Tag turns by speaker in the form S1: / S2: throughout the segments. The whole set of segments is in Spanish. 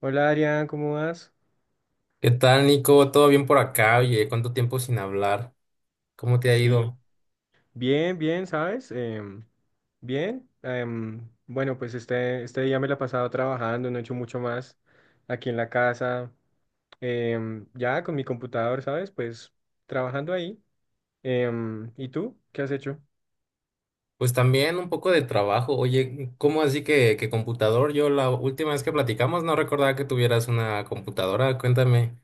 S1: Hola Adrián, ¿cómo vas?
S2: ¿Qué tal, Nico? ¿Todo bien por acá? Oye, ¿cuánto tiempo sin hablar? ¿Cómo te ha
S1: Sí,
S2: ido?
S1: bien, bien, ¿sabes? Bien. Bueno, pues este día me la he pasado trabajando, no he hecho mucho más aquí en la casa, ya con mi computador, ¿sabes? Pues trabajando ahí. ¿Y tú? ¿Qué has hecho?
S2: Pues también un poco de trabajo. Oye, ¿cómo así que computador? Yo la última vez que platicamos no recordaba que tuvieras una computadora. Cuéntame,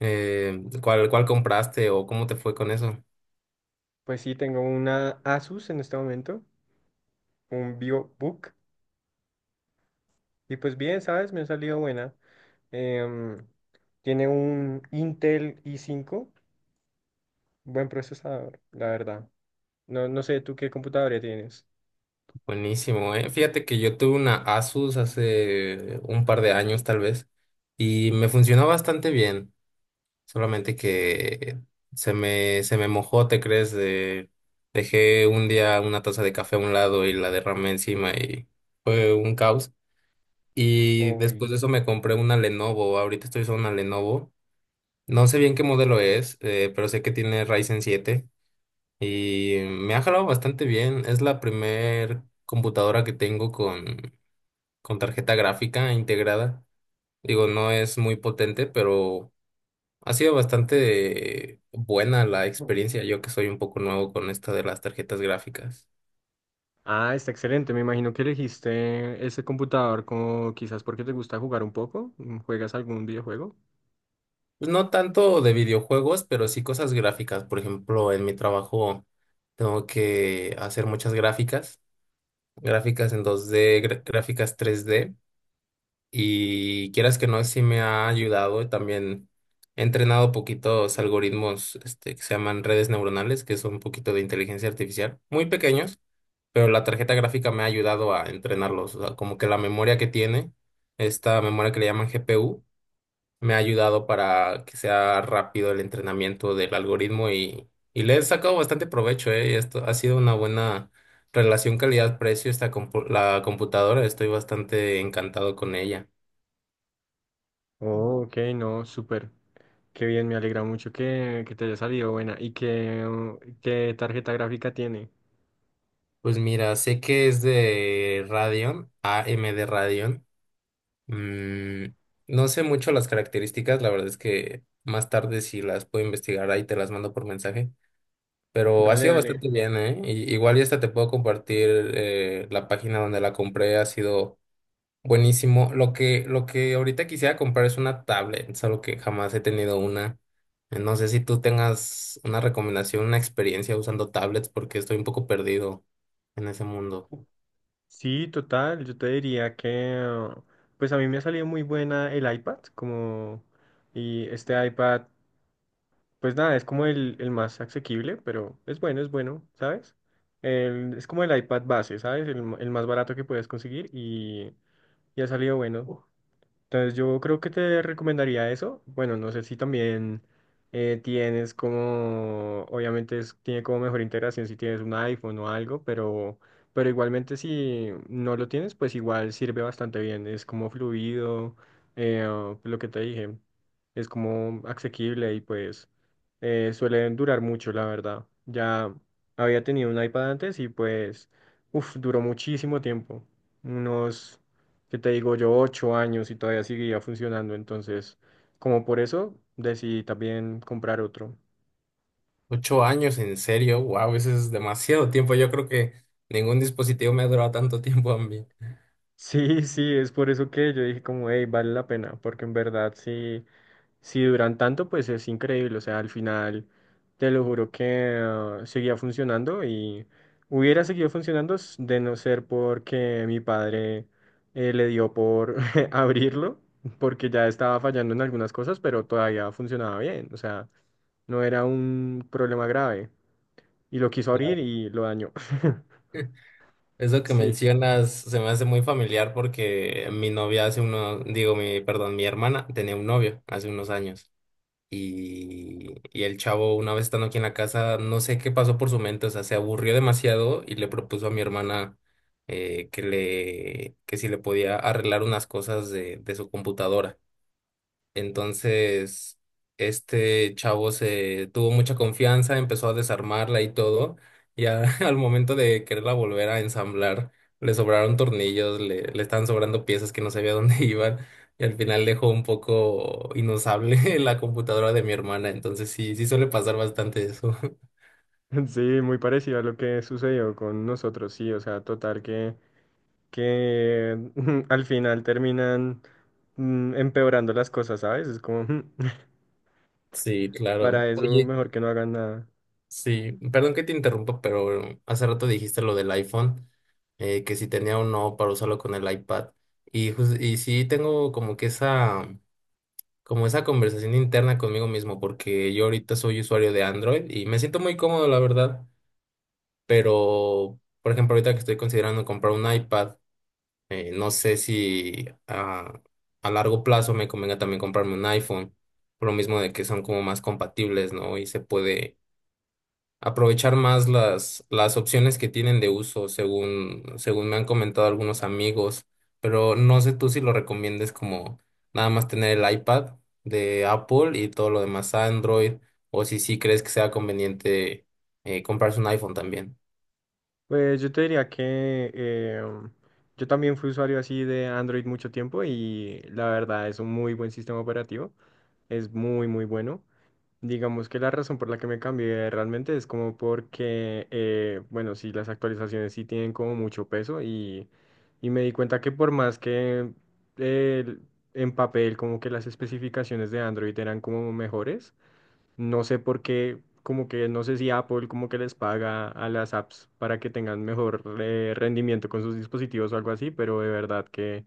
S2: ¿cuál compraste o cómo te fue con eso?
S1: Pues sí, tengo una Asus en este momento, un VivoBook, y pues bien, ¿sabes? Me ha salido buena. Em, Tiene un Intel i5, buen procesador, la verdad. No sé, ¿tú qué computadora tienes?
S2: Buenísimo, ¿eh? Fíjate que yo tuve una Asus hace un par de años, tal vez, y me funcionó bastante bien. Solamente que se me mojó, ¿te crees? Dejé un día una taza de café a un lado y la derramé encima y fue un caos. Y después
S1: Uy.
S2: de eso me compré una Lenovo. Ahorita estoy usando una Lenovo. No sé bien qué modelo es, pero sé que tiene Ryzen siete y me ha jalado bastante bien. Es la primer computadora que tengo con tarjeta gráfica integrada. Digo, no es muy potente, pero ha sido bastante buena la experiencia, yo que soy un poco nuevo con esto de las tarjetas gráficas.
S1: Ah, está excelente. Me imagino que elegiste ese computador como quizás porque te gusta jugar un poco. ¿Juegas algún videojuego?
S2: Pues no tanto de videojuegos, pero sí cosas gráficas. Por ejemplo, en mi trabajo tengo que hacer muchas gráficas, gráficas en dos d gráficas tres d y quieras que no, sí me ha ayudado. También he entrenado poquitos algoritmos, este, que se llaman redes neuronales, que son un poquito de inteligencia artificial, muy pequeños, pero la tarjeta gráfica me ha ayudado a entrenarlos. O sea, como que la memoria que tiene, esta memoria que le llaman GPU, me ha ayudado para que sea rápido el entrenamiento del algoritmo y le he sacado bastante provecho, ¿eh? Y esto ha sido una buena relación calidad-precio esta la computadora. Estoy bastante encantado con ella.
S1: Oh, ok, no, súper. Qué bien, me alegra mucho que te haya salido buena. ¿Y qué, qué tarjeta gráfica tiene?
S2: Pues mira, sé que es de Radeon, AMD Radeon. Mm, no sé mucho las características, la verdad es que más tarde, si las puedo investigar, ahí te las mando por mensaje, pero ha
S1: Dale,
S2: sido
S1: dale.
S2: bastante bien, ¿eh? Y- igual ya hasta te puedo compartir la página donde la compré, ha sido buenísimo. Lo que ahorita quisiera comprar es una tablet, solo que jamás he tenido una. No sé si tú tengas una recomendación, una experiencia usando tablets, porque estoy un poco perdido en ese mundo.
S1: Sí, total, yo te diría que, uh, pues a mí me ha salido muy buena el iPad, como, y este iPad, pues nada, es como el más asequible, pero es bueno, ¿sabes? El- es como el iPad base, ¿sabes? El, m- el más barato que puedes conseguir y ha salido bueno. Entonces yo creo que te recomendaría eso. Bueno, no sé si también tienes como, obviamente es- tiene como mejor integración si tienes un iPhone o algo, pero igualmente si no lo tienes, pues igual sirve bastante bien. Es como fluido, eh, lo que te dije, es como asequible y pues suelen durar mucho, la verdad. Ya había tenido un iPad antes y pues, uff, duró muchísimo tiempo. Unos que te digo yo, ocho años y todavía seguía funcionando. Entonces, como por eso, decidí también comprar otro.
S2: Ocho años, en serio, wow, eso es demasiado tiempo. Yo creo que ningún dispositivo me ha durado tanto tiempo a mí.
S1: Sí, sí, es por eso que yo dije como, hey, vale la pena, porque en verdad sí, si duran tanto, pues es increíble, o sea, al final, te lo juro que seguía funcionando y hubiera seguido funcionando s- de no ser porque mi padre le dio por abrirlo, porque ya estaba fallando en algunas cosas, pero todavía funcionaba bien, o sea, no era un problema grave y lo quiso abrir
S2: Claro.
S1: y lo dañó.
S2: Eso que
S1: Sí.
S2: mencionas se me hace muy familiar porque mi novia hace unos, digo, mi, perdón, mi hermana tenía un novio hace unos años y el chavo una vez estando aquí en la casa, no sé qué pasó por su mente, o sea, se aburrió demasiado y le propuso a mi hermana que si le podía arreglar unas cosas de su computadora. Entonces, este chavo se tuvo mucha confianza, empezó a desarmarla y todo, y al momento de quererla volver a ensamblar, le sobraron tornillos, le estaban sobrando piezas que no sabía dónde iban, y al final dejó un poco inusable la computadora de mi hermana, entonces sí, sí suele pasar bastante eso.
S1: Sí, muy parecido a lo que sucedió con nosotros, sí, o sea, total que al final terminan empeorando las cosas, ¿sabes? Es como,
S2: Sí, claro.
S1: para eso
S2: Oye.
S1: mejor que no hagan nada.
S2: Sí, perdón que te interrumpa, pero hace rato dijiste lo del iPhone, que si tenía o no para usarlo con el iPad. Y, y sí tengo como que esa, como esa conversación interna conmigo mismo, porque yo ahorita soy usuario de Android y me siento muy cómodo, la verdad. Pero, por ejemplo, ahorita que estoy considerando comprar un iPad, no sé si a largo plazo me convenga también comprarme un iPhone, por lo mismo de que son como más compatibles, ¿no? Y se puede aprovechar más las opciones que tienen de uso, según me han comentado algunos amigos, pero no sé tú si lo recomiendes como nada más tener el iPad de Apple y todo lo demás Android, o si sí crees que sea conveniente comprarse un iPhone también.
S1: Pues yo te diría que yo también fui usuario así de Android mucho tiempo y la verdad es un muy buen sistema operativo, es muy, muy bueno. Digamos que la razón por la que me cambié realmente es como porque, bueno, sí, las actualizaciones sí tienen como mucho peso y me di cuenta que por más que eh, en papel como que las especificaciones de Android eran como mejores, no sé por qué, como que no sé si Apple como que les paga a las apps para que tengan mejor rendimiento con sus dispositivos o algo así, pero de verdad que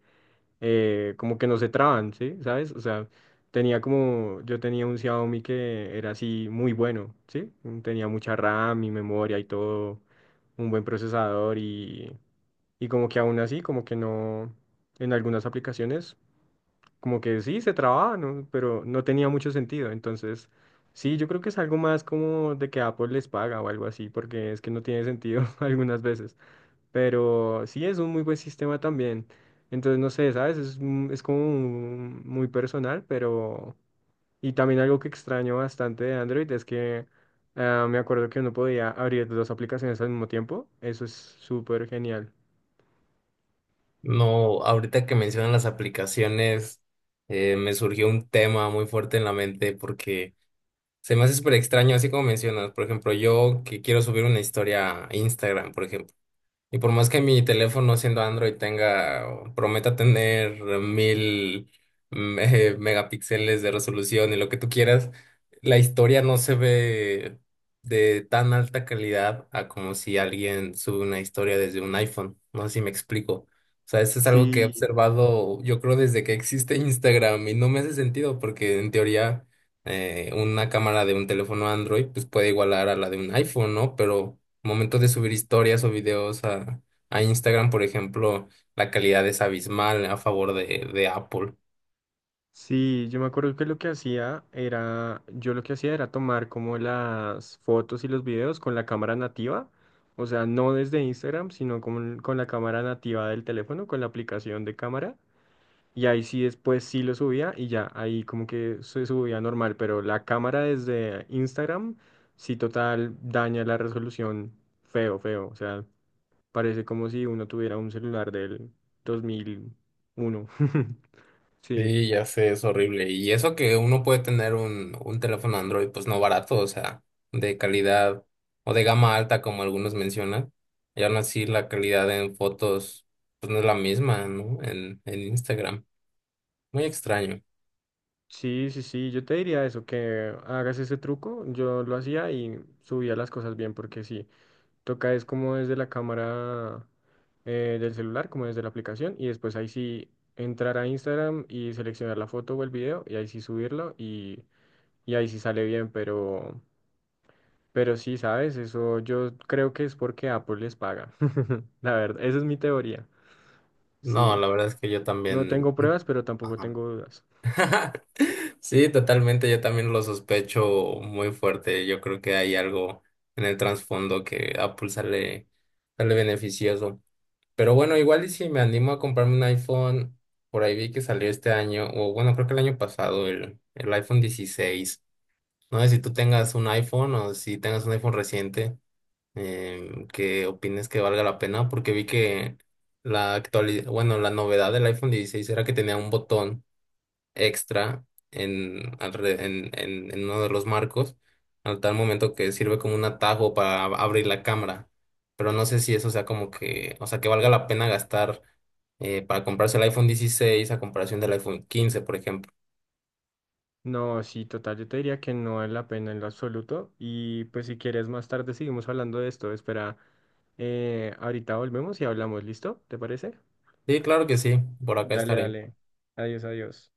S1: como que no se traban, ¿sí? ¿Sabes? O sea, tenía como, yo tenía un Xiaomi que era así muy bueno, ¿sí? Mm, tenía mucha RAM y memoria y todo, un buen procesador y como que aún así, como que no, en algunas aplicaciones, como que sí, se trababa, ¿no? Pero no tenía mucho sentido, entonces... Sí, yo creo que es algo más como de que Apple les paga o algo así, porque es que no tiene sentido algunas veces. Pero sí es un muy buen sistema también. Entonces, no sé, ¿sabes? Es, un- es como un- muy personal, pero... Y también algo que extraño bastante de Android es que me acuerdo que uno podía abrir dos aplicaciones al mismo tiempo. Eso es súper genial.
S2: No, ahorita que mencionan las aplicaciones, me surgió un tema muy fuerte en la mente porque se me hace súper extraño, así como mencionas. Por ejemplo, yo que quiero subir una historia a Instagram, por ejemplo. Y por más que mi teléfono siendo Android tenga, o prometa tener mil megapíxeles de resolución y lo que tú quieras, la historia no se ve de tan alta calidad a como si alguien sube una historia desde un iPhone. No sé si me explico. O sea, eso es algo que he
S1: Sí,
S2: observado, yo creo, desde que existe Instagram, y no me hace sentido porque en teoría una cámara de un teléfono Android pues puede igualar a la de un iPhone, ¿no? Pero momento de subir historias o videos a Instagram, por ejemplo, la calidad es abismal a favor de Apple.
S1: sí, yo me acuerdo que lo que hacía era, yo lo que hacía era tomar como las fotos y los videos con la cámara nativa, o sea, no desde Instagram, sino con la cámara nativa del teléfono, con la aplicación de cámara. Y ahí sí después sí lo subía y ya, ahí como que se subía normal, pero la cámara desde Instagram sí total daña la resolución feo, feo. O sea, parece como si uno tuviera un celular del 2001. Sí,
S2: Sí, ya sé, es horrible. Y eso que uno puede tener un teléfono Android, pues no barato, o sea, de calidad o de gama alta, como algunos mencionan. Y aún así la calidad en fotos pues no es la misma, ¿no? En Instagram. Muy extraño.
S1: sí, sí, sí, yo te diría eso, que hagas ese truco. Yo lo hacía y subía las cosas bien porque sí, toca es como desde la cámara. Del celular, como desde la aplicación, y después ahí sí entrar a Instagram y seleccionar la foto o el video, y ahí sí subirlo, y ahí sí sale bien, pero sí, ¿sabes? Eso yo creo que es porque Apple les paga. La verdad, esa es mi teoría.
S2: No,
S1: Sí,
S2: la verdad es que yo
S1: no
S2: también.
S1: tengo pruebas, pero tampoco
S2: Ajá.
S1: tengo dudas.
S2: Sí, totalmente, yo también lo sospecho muy fuerte. Yo creo que hay algo en el trasfondo que Apple sale beneficioso. Pero bueno, igual y si me animo a comprarme un iPhone, por ahí vi que salió este año, o bueno, creo que el año pasado, el iPhone dieciséis. No sé si tú tengas un iPhone o si tengas un iPhone reciente, em, que opines que valga la pena, porque vi que la actualidad, bueno, la novedad del iPhone dieciséis era que tenía un botón extra en, en uno de los marcos, al tal momento que sirve como un atajo para abrir la cámara. Pero no sé si eso sea como que, o sea, que valga la pena gastar para comprarse el iPhone 16 a comparación del iPhone 15, por ejemplo.
S1: No, sí, total, yo te diría que no es la pena en lo absoluto. Y pues si quieres más tarde seguimos hablando de esto. Espera, ahorita volvemos y hablamos, ¿listo? ¿Te parece?
S2: Sí, claro que sí, por acá
S1: Dale,
S2: estaré.
S1: dale. Adiós, adiós.